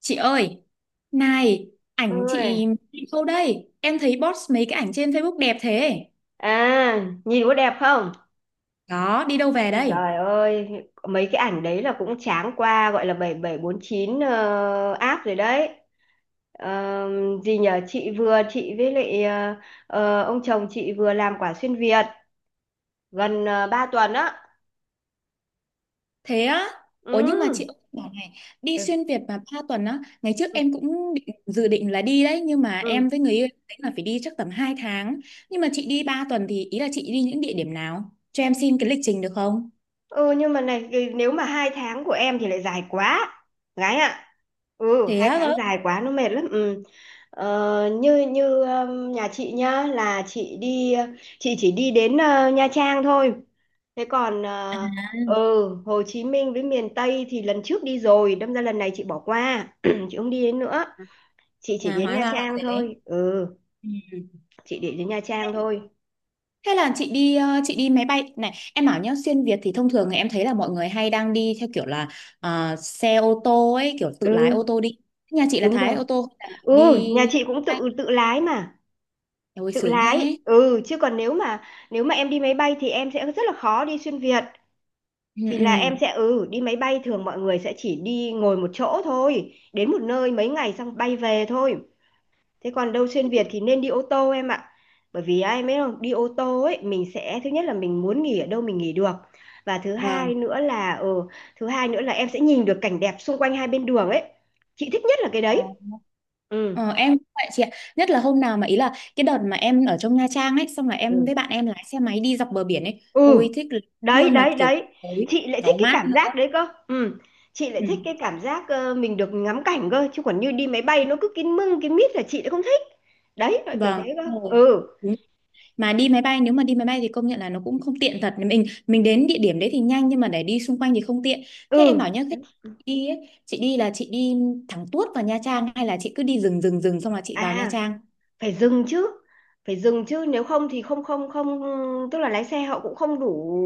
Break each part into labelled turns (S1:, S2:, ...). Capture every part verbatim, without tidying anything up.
S1: Chị ơi, này, ảnh
S2: Ôi.
S1: chị chị đâu đây? Em thấy post mấy cái ảnh trên Facebook đẹp thế.
S2: À, nhìn có đẹp không?
S1: Đó, đi đâu về
S2: Ôi
S1: đây?
S2: Giời ơi, mấy cái ảnh đấy là cũng tráng qua gọi là bảy bốn bảy chín ờ, app rồi đấy. Ờ, gì nhờ chị vừa chị với lại ờ, ờ, ông chồng chị vừa làm quả xuyên Việt gần uh, ba tuần á.
S1: Thế á? Ủa nhưng mà chị
S2: Ừ.
S1: ơi, bảo này, đi
S2: Ừ.
S1: xuyên Việt mà ba tuần á, ngày trước em cũng định, dự định là đi đấy, nhưng mà em
S2: Ừ.
S1: với người yêu em tính là phải đi chắc tầm hai tháng. Nhưng mà chị đi ba tuần thì ý là chị đi những địa điểm nào? Cho em xin cái lịch trình được không?
S2: Ừ, nhưng mà này cái- nếu mà hai tháng của em thì lại dài quá, gái ạ. Ừ,
S1: Thế
S2: hai
S1: á
S2: tháng
S1: cơ?
S2: dài quá, nó mệt lắm, ừ. ờ, như như um, Nhà chị nhá, là chị đi, chị chỉ đi đến ờ, Nha Trang thôi. thế còn ờ,
S1: À,
S2: ừ, Hồ Chí Minh với miền Tây thì lần trước đi rồi, đâm ra lần này chị bỏ qua, chị không đi đến nữa, chị chỉ
S1: à
S2: đến
S1: hóa
S2: Nha
S1: ra là
S2: Trang
S1: thế.
S2: thôi. Ừ,
S1: Ừ.
S2: chị để đến Nha Trang thôi.
S1: Hay là chị đi ờ, chị đi máy bay, này em bảo nhá, xuyên Việt thì thông thường thì em thấy là mọi người hay đang đi theo kiểu là ờ, xe ô tô ấy, kiểu tự lái ô
S2: Ừ,
S1: tô đi. Nhà chị là
S2: đúng
S1: Thái
S2: rồi.
S1: ô tô hay là
S2: Ừ, nhà
S1: đi?
S2: chị cũng tự
S1: Ai?
S2: tự lái mà.
S1: Ôi
S2: Tự
S1: sướng
S2: lái,
S1: thế.
S2: ừ. Chứ còn nếu mà nếu mà em đi máy bay thì em sẽ rất là khó đi xuyên Việt.
S1: Ừ,
S2: Thì là em
S1: ừ.
S2: sẽ, ừ, đi máy bay thường mọi người sẽ chỉ đi ngồi một chỗ thôi, đến một nơi mấy ngày xong bay về thôi. Thế còn đâu xuyên Việt thì nên đi ô tô em ạ, bởi vì ai biết không, đi ô tô ấy mình sẽ thứ nhất là mình muốn nghỉ ở đâu mình nghỉ được, và thứ
S1: Vâng.
S2: hai nữa là, ừ, thứ hai nữa là em sẽ nhìn được cảnh đẹp xung quanh hai bên đường ấy. Chị thích nhất là cái
S1: Ờ,
S2: đấy. Ừ.
S1: ờ, em cũng vậy chị ạ, nhất là hôm nào mà, ý là cái đợt mà em ở trong Nha Trang ấy, xong là em
S2: Ừ.
S1: với bạn em lái xe máy đi dọc bờ biển ấy,
S2: Ừ.
S1: ôi thích
S2: Đấy
S1: luôn. Mà
S2: đấy
S1: kiểu
S2: đấy.
S1: tối,
S2: Chị lại thích
S1: gió
S2: cái
S1: mát
S2: cảm
S1: nữa.
S2: giác đấy cơ, ừ. Chị lại
S1: Ừ.
S2: thích cái cảm giác, ờ, mình được ngắm cảnh cơ, chứ còn như đi máy bay nó cứ kín mưng kín mít là chị lại không thích. Đấy, loại kiểu
S1: Vâng,
S2: thế cơ,
S1: đúng rồi.
S2: ừ.
S1: Đúng, mà đi máy bay, nếu mà đi máy bay thì công nhận là nó cũng không tiện thật. Mình mình đến địa điểm đấy thì nhanh nhưng mà để đi xung quanh thì không tiện. Thế em
S2: Ừ.
S1: bảo nhá, khi
S2: Đấy.
S1: đi ấy, chị đi là chị đi thẳng tuốt vào Nha Trang hay là chị cứ đi rừng rừng rừng xong là chị vào Nha
S2: À,
S1: Trang?
S2: phải dừng chứ. Phải dừng chứ, nếu không thì không không không, tức là lái xe họ cũng không đủ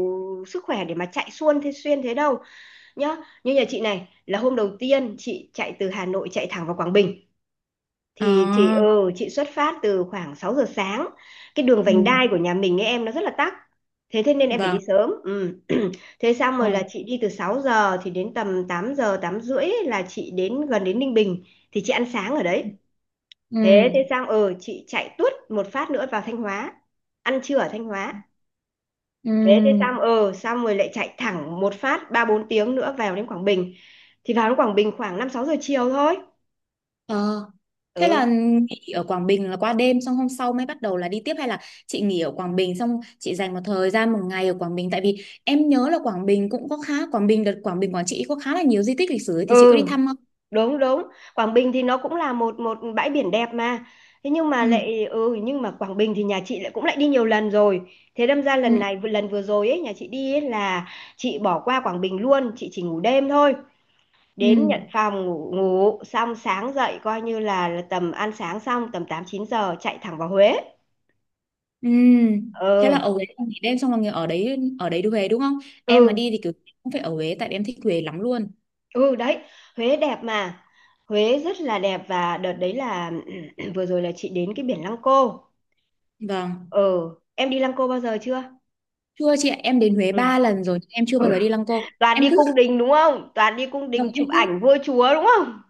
S2: sức khỏe để mà chạy xuôn thế xuyên thế đâu nhá. Như nhà chị này là hôm đầu tiên chị chạy từ Hà Nội chạy thẳng vào Quảng Bình, thì chị,
S1: À.
S2: ừ, chị xuất phát từ khoảng sáu giờ sáng. Cái đường vành
S1: Ừ.
S2: đai của nhà mình ấy em, nó rất là tắc, thế thế nên em phải đi
S1: Vâng,
S2: sớm, ừ. Thế xong
S1: đúng
S2: rồi là
S1: rồi.
S2: chị đi từ sáu giờ thì đến tầm tám giờ tám rưỡi ấy là chị đến gần đến Ninh Bình, thì chị ăn sáng ở đấy.
S1: Ừ.
S2: Thế thế xong, ừ, chị chạy tuốt một phát nữa vào Thanh Hóa, ăn trưa ở Thanh Hóa.
S1: Ừ.
S2: Thế thế xong, ừ, xong rồi lại chạy thẳng một phát ba bốn tiếng nữa vào đến Quảng Bình. Thì vào đến Quảng Bình khoảng năm sáu giờ chiều thôi.
S1: Ờ. Thế
S2: Ừ.
S1: là nghỉ ở Quảng Bình là qua đêm, xong hôm sau mới bắt đầu là đi tiếp, hay là chị nghỉ ở Quảng Bình xong chị dành một thời gian, một ngày ở Quảng Bình, tại vì em nhớ là Quảng Bình cũng có khá, Quảng Bình đợt Quảng Bình Quảng Trị có khá là nhiều di tích lịch sử ấy, thì chị có
S2: Ừ,
S1: đi thăm không?
S2: đúng đúng. Quảng Bình thì nó cũng là một một bãi biển đẹp mà. Thế nhưng mà
S1: Ừ.
S2: lại, ừ, nhưng mà Quảng Bình thì nhà chị lại cũng lại đi nhiều lần rồi, thế đâm ra
S1: Ừ.
S2: lần này, lần vừa rồi ấy nhà chị đi ấy là chị bỏ qua Quảng Bình luôn, chị chỉ ngủ đêm thôi, đến
S1: Ừ.
S2: nhận phòng ngủ, ngủ xong sáng dậy coi như là, là tầm ăn sáng xong tầm tám chín giờ chạy thẳng vào Huế.
S1: Ừ. Thế là
S2: Ừ.
S1: ở Huế em nghỉ đêm xong là nghỉ ở đấy, ở đấy đi Huế đúng không? Em mà
S2: Ừ.
S1: đi thì kiểu cũng phải ở Huế, tại vì em thích Huế lắm luôn.
S2: Ừ, đấy. Huế đẹp mà. Huế rất là đẹp. Và đợt đấy là, vừa rồi là chị đến cái biển Lăng Cô,
S1: Vâng.
S2: ừ. Em đi Lăng Cô bao giờ chưa?
S1: Chưa chị ạ, em đến Huế
S2: Ừ.
S1: ba lần rồi, em chưa bao giờ đi Lăng Cô.
S2: Toàn đi
S1: Em cứ,
S2: cung đình đúng không? Toàn đi cung
S1: vâng,
S2: đình
S1: em
S2: chụp
S1: cứ,
S2: ảnh vua chúa đúng không?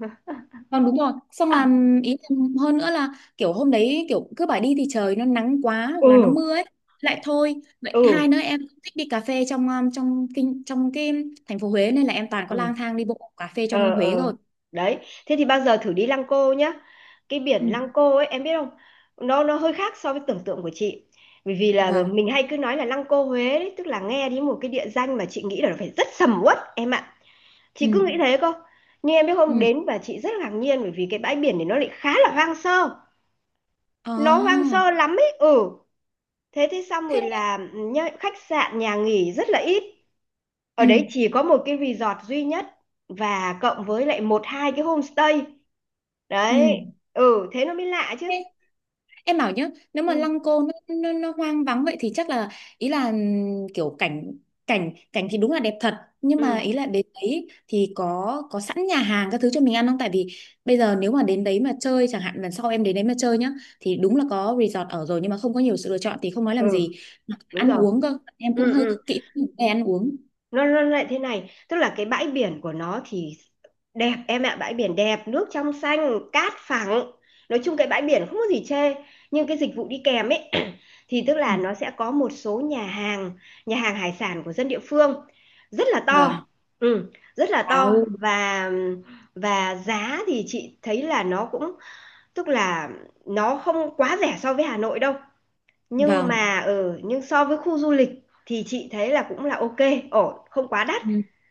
S1: vâng, đúng rồi. Xong là, ý em hơn nữa là, kiểu hôm đấy kiểu cứ bảo đi thì trời nó nắng quá hoặc là nó
S2: Ừ.
S1: mưa ấy, lại thôi. Vậy hai
S2: Ừ.
S1: nữa em thích đi cà phê trong um, trong kinh, trong cái thành phố Huế, nên là em toàn có
S2: Ừ.
S1: lang thang đi bộ cà phê trong
S2: Ờ
S1: Huế
S2: ờ.
S1: rồi.
S2: Đấy. Thế thì bao giờ thử đi Lăng Cô nhá. Cái
S1: Ừ.
S2: biển Lăng Cô ấy em biết không, nó nó hơi khác so với tưởng tượng của chị. Bởi vì là
S1: Vâng.
S2: mình hay cứ nói là Lăng Cô Huế đấy, tức là nghe đến một cái địa danh mà chị nghĩ là nó phải rất sầm uất em ạ. Chị cứ,
S1: Ừ.
S2: ừ, nghĩ thế cơ. Nhưng em biết
S1: Ừ.
S2: không, đến và chị rất ngạc nhiên bởi vì cái bãi biển này nó lại khá là hoang sơ. Nó hoang
S1: Ồ.
S2: sơ lắm ấy, ừ. Thế thì xong
S1: Thế.
S2: rồi là nhá, khách sạn, nhà nghỉ rất là ít.
S1: Ừ.
S2: Ở đấy chỉ có một cái resort duy nhất, và cộng với lại một hai cái homestay.
S1: Ừ.
S2: Đấy. Ừ, thế nó mới lạ chứ.
S1: Thế em bảo nhá, nếu mà
S2: Ừ.
S1: Lăng Cô nó, nó, nó hoang vắng vậy thì chắc là, ý là ừm, kiểu cảnh, cảnh cảnh thì đúng là đẹp thật, nhưng mà
S2: Ừ,
S1: ý là đến đấy thì có có sẵn nhà hàng các thứ cho mình ăn không? Tại vì bây giờ nếu mà đến đấy mà chơi, chẳng hạn lần sau em đến đấy mà chơi nhá, thì đúng là có resort ở rồi nhưng mà không có nhiều sự lựa chọn thì không nói làm
S2: Ừ,
S1: gì.
S2: đúng
S1: Ăn
S2: rồi.
S1: uống cơ em cũng
S2: Ừ.
S1: hơi
S2: Ừ.
S1: kỹ về ăn uống.
S2: nó nó lại thế này, tức là cái bãi biển của nó thì đẹp em ạ, bãi biển đẹp, nước trong xanh, cát phẳng, nói chung cái bãi biển không có gì chê. Nhưng cái dịch vụ đi kèm ấy, thì tức
S1: Ừ.
S2: là nó sẽ có một số nhà hàng, nhà hàng hải sản của dân địa phương, rất là
S1: Vâng.
S2: to. Ừ, rất là to.
S1: Wow.
S2: và và giá thì chị thấy là nó cũng, tức là nó không quá rẻ so với Hà Nội đâu, nhưng
S1: Vâng.
S2: mà ở, ừ, nhưng so với khu du lịch thì chị thấy là cũng là ok, ổn, không quá đắt.
S1: Ừ.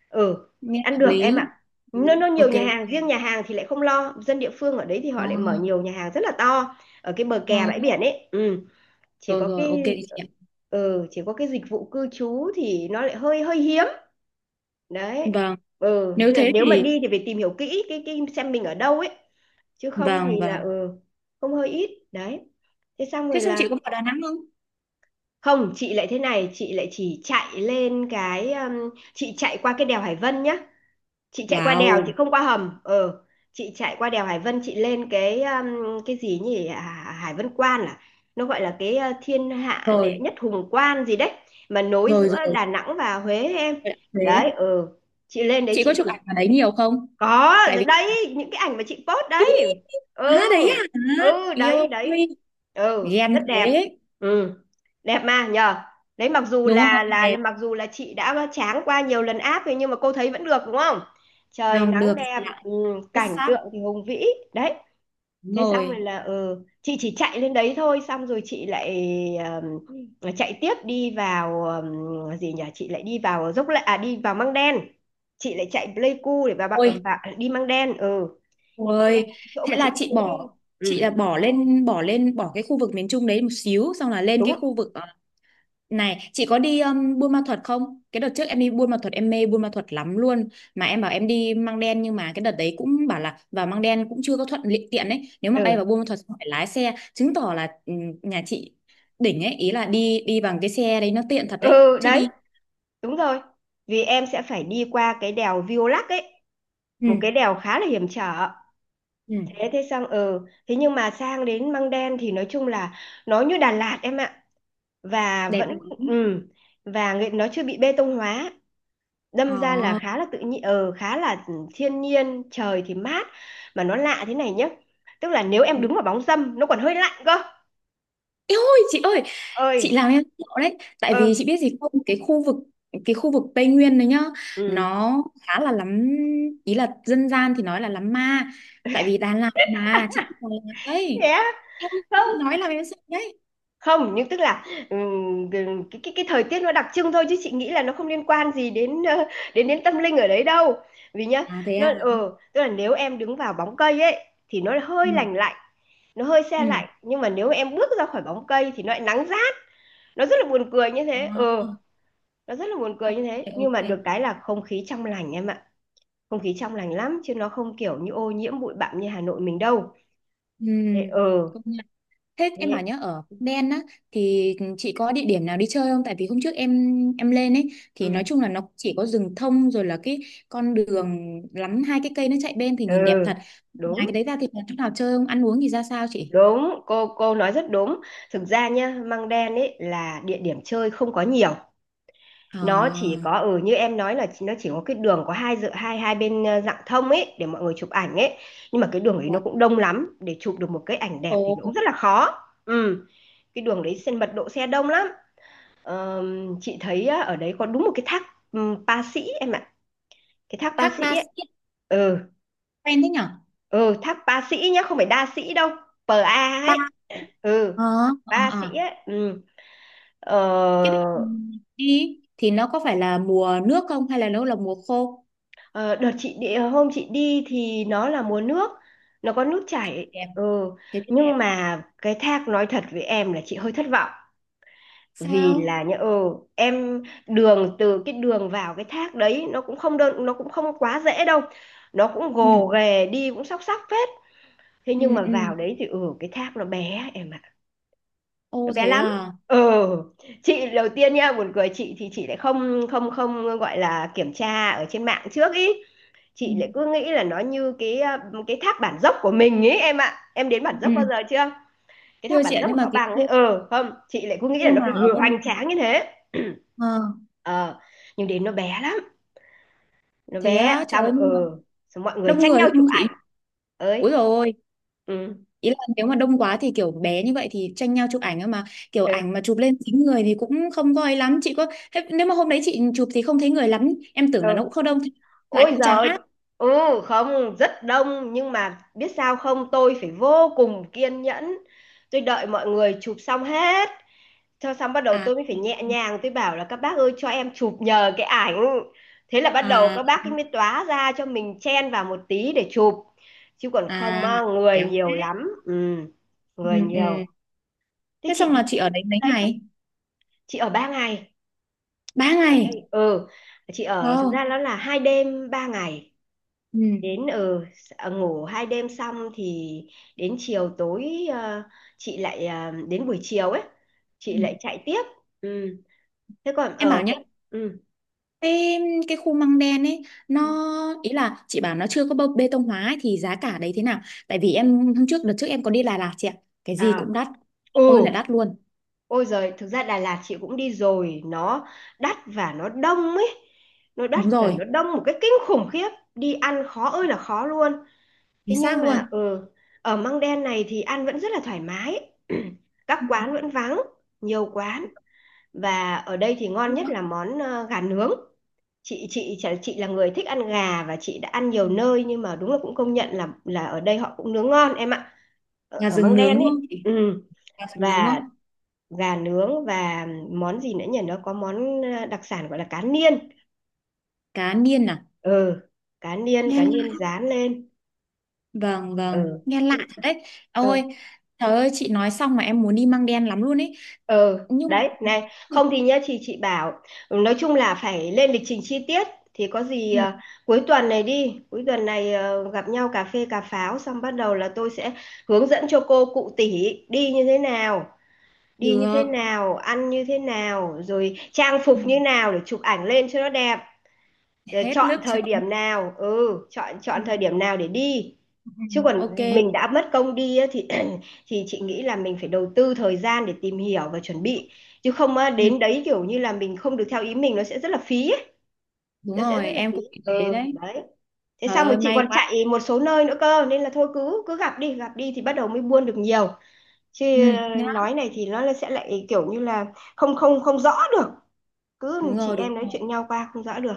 S2: Ừ,
S1: Nghe
S2: ăn
S1: hợp
S2: được em ạ.
S1: lý. Ừ.
S2: Nó nó nhiều
S1: Ok,
S2: nhà hàng, riêng
S1: ok.
S2: nhà hàng thì lại không lo, dân địa phương ở đấy thì
S1: Ờ,
S2: họ lại mở nhiều nhà hàng rất là to ở cái bờ
S1: ờ,
S2: kè bãi
S1: ờ,
S2: biển ấy, ừ. Chỉ
S1: rồi,
S2: có
S1: rồi, ok
S2: cái,
S1: chị.
S2: ừ, chỉ có cái dịch vụ cư trú thì nó lại hơi hơi hiếm, đấy.
S1: Vâng,
S2: Ừ,
S1: nếu
S2: nên là
S1: thế
S2: nếu mà
S1: thì
S2: đi thì phải tìm hiểu kỹ cái cái xem mình ở đâu ấy, chứ không
S1: vâng,
S2: thì là,
S1: vâng.
S2: ừ, không, hơi ít đấy. Thế xong
S1: Thế
S2: rồi
S1: xong chị có
S2: là,
S1: vào Đà Nẵng không?
S2: không, chị lại thế này, chị lại chỉ chạy lên cái, um, chị chạy qua cái đèo Hải Vân nhá. Chị chạy qua đèo, chị
S1: Wow,
S2: không qua hầm, ờ. Chị chạy qua đèo Hải Vân, chị lên cái, um, cái gì nhỉ, à, Hải Vân Quan, à. Nó gọi là cái, uh, thiên hạ đệ
S1: rồi,
S2: nhất hùng quan gì đấy, mà nối
S1: rồi,
S2: giữa
S1: rồi.
S2: Đà Nẵng và Huế ấy em.
S1: Vậy là Thế
S2: Đấy, ờ. Chị lên đấy
S1: chị có
S2: chị,
S1: chụp ảnh ở đấy nhiều không?
S2: có
S1: Tại
S2: rồi
S1: vì,
S2: đấy, những cái ảnh mà chị post
S1: ý,
S2: đấy. Ừ.
S1: à đấy à,
S2: Ừ,
S1: yêu
S2: đấy đấy.
S1: ơi,
S2: Ừ,
S1: ghen
S2: rất
S1: thế.
S2: đẹp. Ừ, đẹp mà nhờ. Đấy, mặc dù
S1: Đúng rồi,
S2: là là
S1: đẹp.
S2: là- mặc dù là chị đã tráng qua nhiều lần áp rồi nhưng mà cô thấy vẫn được đúng không. Trời
S1: Vâng,
S2: nắng
S1: được
S2: đẹp,
S1: chị ạ.
S2: ừ,
S1: Xuất
S2: cảnh
S1: sắc.
S2: tượng thì hùng vĩ, đấy.
S1: Đúng
S2: Thế xong rồi
S1: rồi.
S2: là, ừ, chị chỉ chạy lên đấy thôi, xong rồi chị lại, ờm, chạy tiếp đi vào, ờm, gì nhỉ, chị lại đi vào dốc lại, à, đi vào Măng Đen. Chị lại chạy Pleiku để vào, vào,
S1: Ôi,
S2: vào đi Măng Đen, ừ. Măng Đen
S1: ôi.
S2: là cái chỗ
S1: Thế
S2: mà chị
S1: là
S2: rất
S1: chị
S2: muốn đi.
S1: bỏ chị là
S2: Ừ.
S1: bỏ lên, bỏ lên, bỏ cái khu vực miền Trung đấy một xíu, xong là lên
S2: Đúng.
S1: cái khu vực ờ. Này, chị có đi um, Buôn Ma Thuột không? Cái đợt trước em đi Buôn Ma Thuột em mê Buôn Ma Thuột lắm luôn. Mà em bảo em đi Măng Đen nhưng mà cái đợt đấy cũng bảo là vào Măng Đen cũng chưa có thuận li- tiện ấy. Nếu mà bay vào
S2: Ừ.
S1: Buôn Ma Thuột phải lái xe, chứng tỏ là ừm, nhà chị đỉnh ấy, ý là đi, đi bằng cái xe đấy nó tiện thật đấy.
S2: Ừ.
S1: Chứ
S2: Đấy,
S1: đi
S2: đúng rồi. Vì em sẽ phải đi qua cái đèo Violac ấy, một
S1: ừ,
S2: cái đèo khá là hiểm trở.
S1: ừ,
S2: Thế thế xong, ừ, thế nhưng mà sang đến Măng Đen thì nói chung là nó như Đà Lạt em ạ. Và
S1: đẹp
S2: vẫn,
S1: lắm.
S2: ừ, và nghệ- nó chưa bị bê tông hóa, đâm ra là
S1: Ờ.
S2: khá là tự nhiên, ờ, khá là thiên nhiên, trời thì mát. Mà nó lạ thế này nhá, tức là nếu em đứng vào bóng râm nó còn hơi lạnh cơ.
S1: Ê ôi chị ơi, chị
S2: Ơi,
S1: làm em sợ đấy, tại
S2: ờ.
S1: vì chị biết gì không, cái khu vực cái khu vực Tây Nguyên đấy nhá,
S2: Ừ,
S1: nó khá là lắm, ý là dân gian thì nói là lắm ma, tại vì Đà Lạt mà chị cũng Đà Lạt
S2: thế
S1: đấy,
S2: á?
S1: em chị
S2: Không,
S1: nói là em sợ đấy.
S2: không nhưng tức là, ừm, cái cái cái thời tiết nó đặc trưng thôi, chứ chị nghĩ là nó không liên quan gì đến, ờ, đến đến tâm linh ở đấy đâu. Vì nhá,
S1: À, thế
S2: nó
S1: à.
S2: ờ, tức là nếu em đứng vào bóng cây ấy thì nó hơi
S1: Ừ,
S2: lành lạnh, nó hơi se
S1: ừ.
S2: lạnh, nhưng mà nếu em bước ra khỏi bóng cây thì nó lại nắng rát. Nó rất là buồn cười như thế,
S1: À,
S2: ờ. Nó rất là buồn
S1: ok,
S2: cười như thế, nhưng
S1: ok.
S2: mà được cái là không khí trong lành em ạ. Không khí trong lành lắm, chứ nó không kiểu như ô nhiễm bụi bặm như Hà Nội mình đâu.
S1: Ừ.
S2: Thế, ờ.
S1: Công nhận. Thế em bảo
S2: Thế.
S1: nhá, ở Đen á thì chị có địa điểm nào đi chơi không? Tại vì hôm trước em em lên ấy thì
S2: Ừ.
S1: nói chung là nó chỉ có rừng thông, rồi là cái con đường lắm hai cái cây nó chạy bên thì nhìn đẹp thật.
S2: Ừ,
S1: Ngoài
S2: đúng
S1: cái đấy ra thì còn chỗ nào chơi không? Ăn uống thì ra sao chị?
S2: đúng, cô cô nói rất đúng. Thực ra nhá, Măng Đen ấy là địa điểm chơi không có nhiều. Nó chỉ
S1: À,
S2: có, ừ, như em nói là chỉ- nó chỉ có cái đường có hai dự hai hai bên, ờ, rạng thông ấy để mọi người chụp ảnh ấy, nhưng mà cái đường ấy nó
S1: dạ.
S2: cũng đông lắm, để chụp được một cái ảnh đẹp
S1: Ồ,
S2: thì nó cũng rất là khó. Ừ, cái đường đấy xe, mật độ xe đông lắm. Ờ, chị thấy á, ở đấy có đúng một cái thác, um, Pa Sĩ em ạ, cái thác Pa
S1: thác
S2: Sĩ
S1: Ba
S2: ấy.
S1: Sĩ
S2: Ừ.
S1: quen thế nhở?
S2: Ừ, thác Pa Sĩ nhá, không phải đa sĩ đâu, pê a
S1: Ba.
S2: ấy. Ừ,
S1: ờ ờ
S2: ba
S1: ờ.
S2: sĩ ấy, ừ.
S1: Cái
S2: ờ,
S1: đợt đi thì nó có phải là mùa nước không hay là nó là mùa khô?
S2: ờ, đợt chị đi, hôm chị đi thì nó là mùa nước, nó có nước chảy.
S1: Đẹp,
S2: Ừ,
S1: thế thì đẹp.
S2: nhưng mà cái thác, nói thật với em là chị hơi thất vọng. Vì
S1: Sao?
S2: là nhỡ ừ, em đường, từ cái đường vào cái thác đấy nó cũng không đơn, nó cũng không quá dễ đâu, nó cũng
S1: Ừ,
S2: gồ ghề, đi cũng sóc sóc phết. Thế
S1: ừ,
S2: nhưng mà
S1: ừ.
S2: vào đấy thì ừ, cái thác nó bé em ạ,
S1: Ô
S2: bé
S1: thế
S2: lắm.
S1: à.
S2: Ừ, chị đầu tiên nha, buồn cười, chị thì chị lại không không không gọi là kiểm tra ở trên mạng trước ý.
S1: Ừ.
S2: Chị lại cứ nghĩ là nó như cái ờ, cái tháp bản dốc của mình ấy em ạ, em đến bản
S1: Ừ.
S2: dốc bao giờ
S1: Ừ.
S2: chưa? Cái tháp
S1: Thưa chị
S2: bản
S1: ạ,
S2: dốc ở
S1: nhưng mà
S2: Cao
S1: cái
S2: Bằng ấy,
S1: khu,
S2: ừ không, chị lại cứ nghĩ là
S1: khu
S2: nó
S1: mà
S2: phải
S1: ở
S2: vừa
S1: Buôn Ma
S2: hoành
S1: Thuột-
S2: tráng như thế.
S1: ờ,
S2: Ờ, nhưng đến nó bé lắm, nó
S1: thế
S2: bé,
S1: á, trời
S2: xong
S1: ơi, nhưng mà
S2: ừ, xong mọi người
S1: đông
S2: tranh
S1: người
S2: nhau chụp
S1: không chị?
S2: ảnh. Ơi,
S1: Úi dồi ôi,
S2: ừ,
S1: ý là nếu mà đông quá thì kiểu bé như vậy thì tranh nhau chụp ảnh ấy mà, kiểu
S2: ừ,
S1: ảnh mà chụp lên chính người thì cũng không voi lắm, chị có thế, nếu mà hôm đấy chị chụp thì không thấy người lắm, em tưởng là nó
S2: ừ.
S1: cũng không đông, lại
S2: Ôi
S1: cũng chán
S2: giời,
S1: áp.
S2: ừ không, rất đông nhưng mà biết sao không, tôi phải vô cùng kiên nhẫn. Tôi đợi mọi người chụp xong hết. Cho xong bắt đầu
S1: À,
S2: tôi mới phải nhẹ nhàng tôi bảo là các bác ơi cho em chụp nhờ cái ảnh. Thế là bắt đầu
S1: à,
S2: các bác ấy mới tóa ra cho mình chen vào một tí để chụp. Chứ còn
S1: à,
S2: không á, người
S1: kéo thế.
S2: nhiều lắm. Ừ, người
S1: Ừ, ừ.
S2: nhiều. Thế
S1: Thế
S2: chị
S1: xong
S2: thấy
S1: là
S2: là
S1: chị ở
S2: đến
S1: đấy mấy
S2: đấy thôi.
S1: ngày?
S2: Chị ở ba ngày.
S1: ba
S2: Chị ở
S1: ngày
S2: đây. Ừ, chị ở thực
S1: Wow.
S2: ra nó là hai đêm ba ngày,
S1: Ừ.
S2: đến ở ừ, ngủ hai đêm xong thì đến chiều tối, ờ, chị lại ờ, đến buổi chiều ấy
S1: Ừ.
S2: chị lại chạy tiếp. Ừ, thế còn
S1: Em bảo
S2: ở
S1: nhá,
S2: cái, ừ.
S1: Cái, cái khu măng đen ấy nó, ý là chị bảo nó chưa có bê bê tông hóa ấy, thì giá cả đấy thế nào? Tại vì em hôm trước đợt trước em có đi Đà Lạt chị ạ. Cái
S2: À,
S1: gì cũng đắt. Ôi là
S2: ừ,
S1: đắt luôn.
S2: ôi giời, thực ra Đà Lạt chị cũng đi rồi, nó đắt và nó đông ấy, nó đắt
S1: Đúng
S2: và
S1: rồi,
S2: nó đông một cái kinh khủng khiếp, đi ăn khó ơi là khó luôn. Thế
S1: chính xác
S2: nhưng
S1: luôn.
S2: mà ừ, ở Măng Đen này thì ăn vẫn rất là thoải mái, các
S1: Ừ.
S2: quán vẫn vắng, nhiều quán. Và ở đây thì ngon nhất là món ờ, gà nướng. Chị chị chả- chị là người thích ăn gà và chị đã ăn nhiều nơi nhưng mà đúng là cũng công nhận là là ở đây họ cũng nướng ngon em ạ, ở,
S1: Gà
S2: ở
S1: rừng
S2: Măng
S1: nướng
S2: Đen
S1: đúng
S2: ấy.
S1: không chị?
S2: Ừ.
S1: Gà rừng nướng đúng
S2: Và
S1: không?
S2: gà nướng, và món gì nữa nhỉ, nó có món ờ, đặc sản gọi là cá niên.
S1: Cá niên à?
S2: Ừ, cá niên,
S1: Nghe
S2: cá
S1: lạ.
S2: niên rán lên.
S1: Vâng
S2: Ừ,
S1: vâng, nghe lạ thật đấy.
S2: ừ,
S1: Ôi, trời ơi chị nói xong mà em muốn đi măng đen lắm luôn ấy.
S2: ừ
S1: Nhưng
S2: đấy này, không thì nhá, chị chị bảo ừ, nói chung là phải lên lịch trình chi tiết. Thì có gì
S1: ừ,
S2: à, cuối tuần này đi, cuối tuần này ờ, gặp nhau cà phê cà pháo xong bắt đầu là tôi sẽ hướng dẫn cho cô cụ tỷ đi như thế nào, đi như thế
S1: được.
S2: nào, ăn như thế nào, rồi trang
S1: Ừ.
S2: phục như nào để chụp ảnh lên cho nó đẹp, rồi
S1: Hết
S2: chọn
S1: nước
S2: thời
S1: chấm.
S2: điểm nào, ừ, chọn
S1: Ừ.
S2: chọn thời điểm nào để đi.
S1: Ừ,
S2: Chứ còn
S1: ok.
S2: mình đã mất công đi á, thì thì chị nghĩ là mình phải đầu tư thời gian để tìm hiểu và chuẩn bị. Chứ không á,
S1: Ừ.
S2: đến đấy kiểu như là mình không được theo ý mình nó sẽ rất là phí ấy.
S1: Đúng
S2: Nó sẽ
S1: rồi
S2: rất là
S1: em
S2: phí.
S1: cũng nghĩ thế
S2: Ừ
S1: đấy.
S2: đấy, thế
S1: Trời
S2: xong rồi
S1: ơi
S2: chị
S1: may
S2: còn
S1: quá.
S2: chạy một số nơi nữa cơ nên là thôi cứ cứ gặp đi gặp đi thì bắt đầu mới buôn được nhiều.
S1: Ừ,
S2: Chứ ờ,
S1: nhá.
S2: nói này thì nó sẽ lại kiểu như là không không không rõ được, cứ
S1: Đúng
S2: chị
S1: rồi, đúng
S2: em nói
S1: rồi.
S2: chuyện nhau qua không rõ được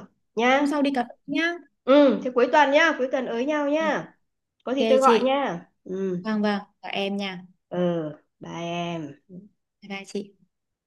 S1: Hôm
S2: nhá.
S1: sau đi cà phê nhá.
S2: Ừ, thế cuối tuần nhá, cuối tuần ới nhau
S1: Ừ,
S2: nhá. Có gì
S1: ok
S2: tôi gọi
S1: chị.
S2: nha. Ừ,
S1: Vâng vâng và em nha.
S2: ờ, bye em.
S1: Bye bye chị.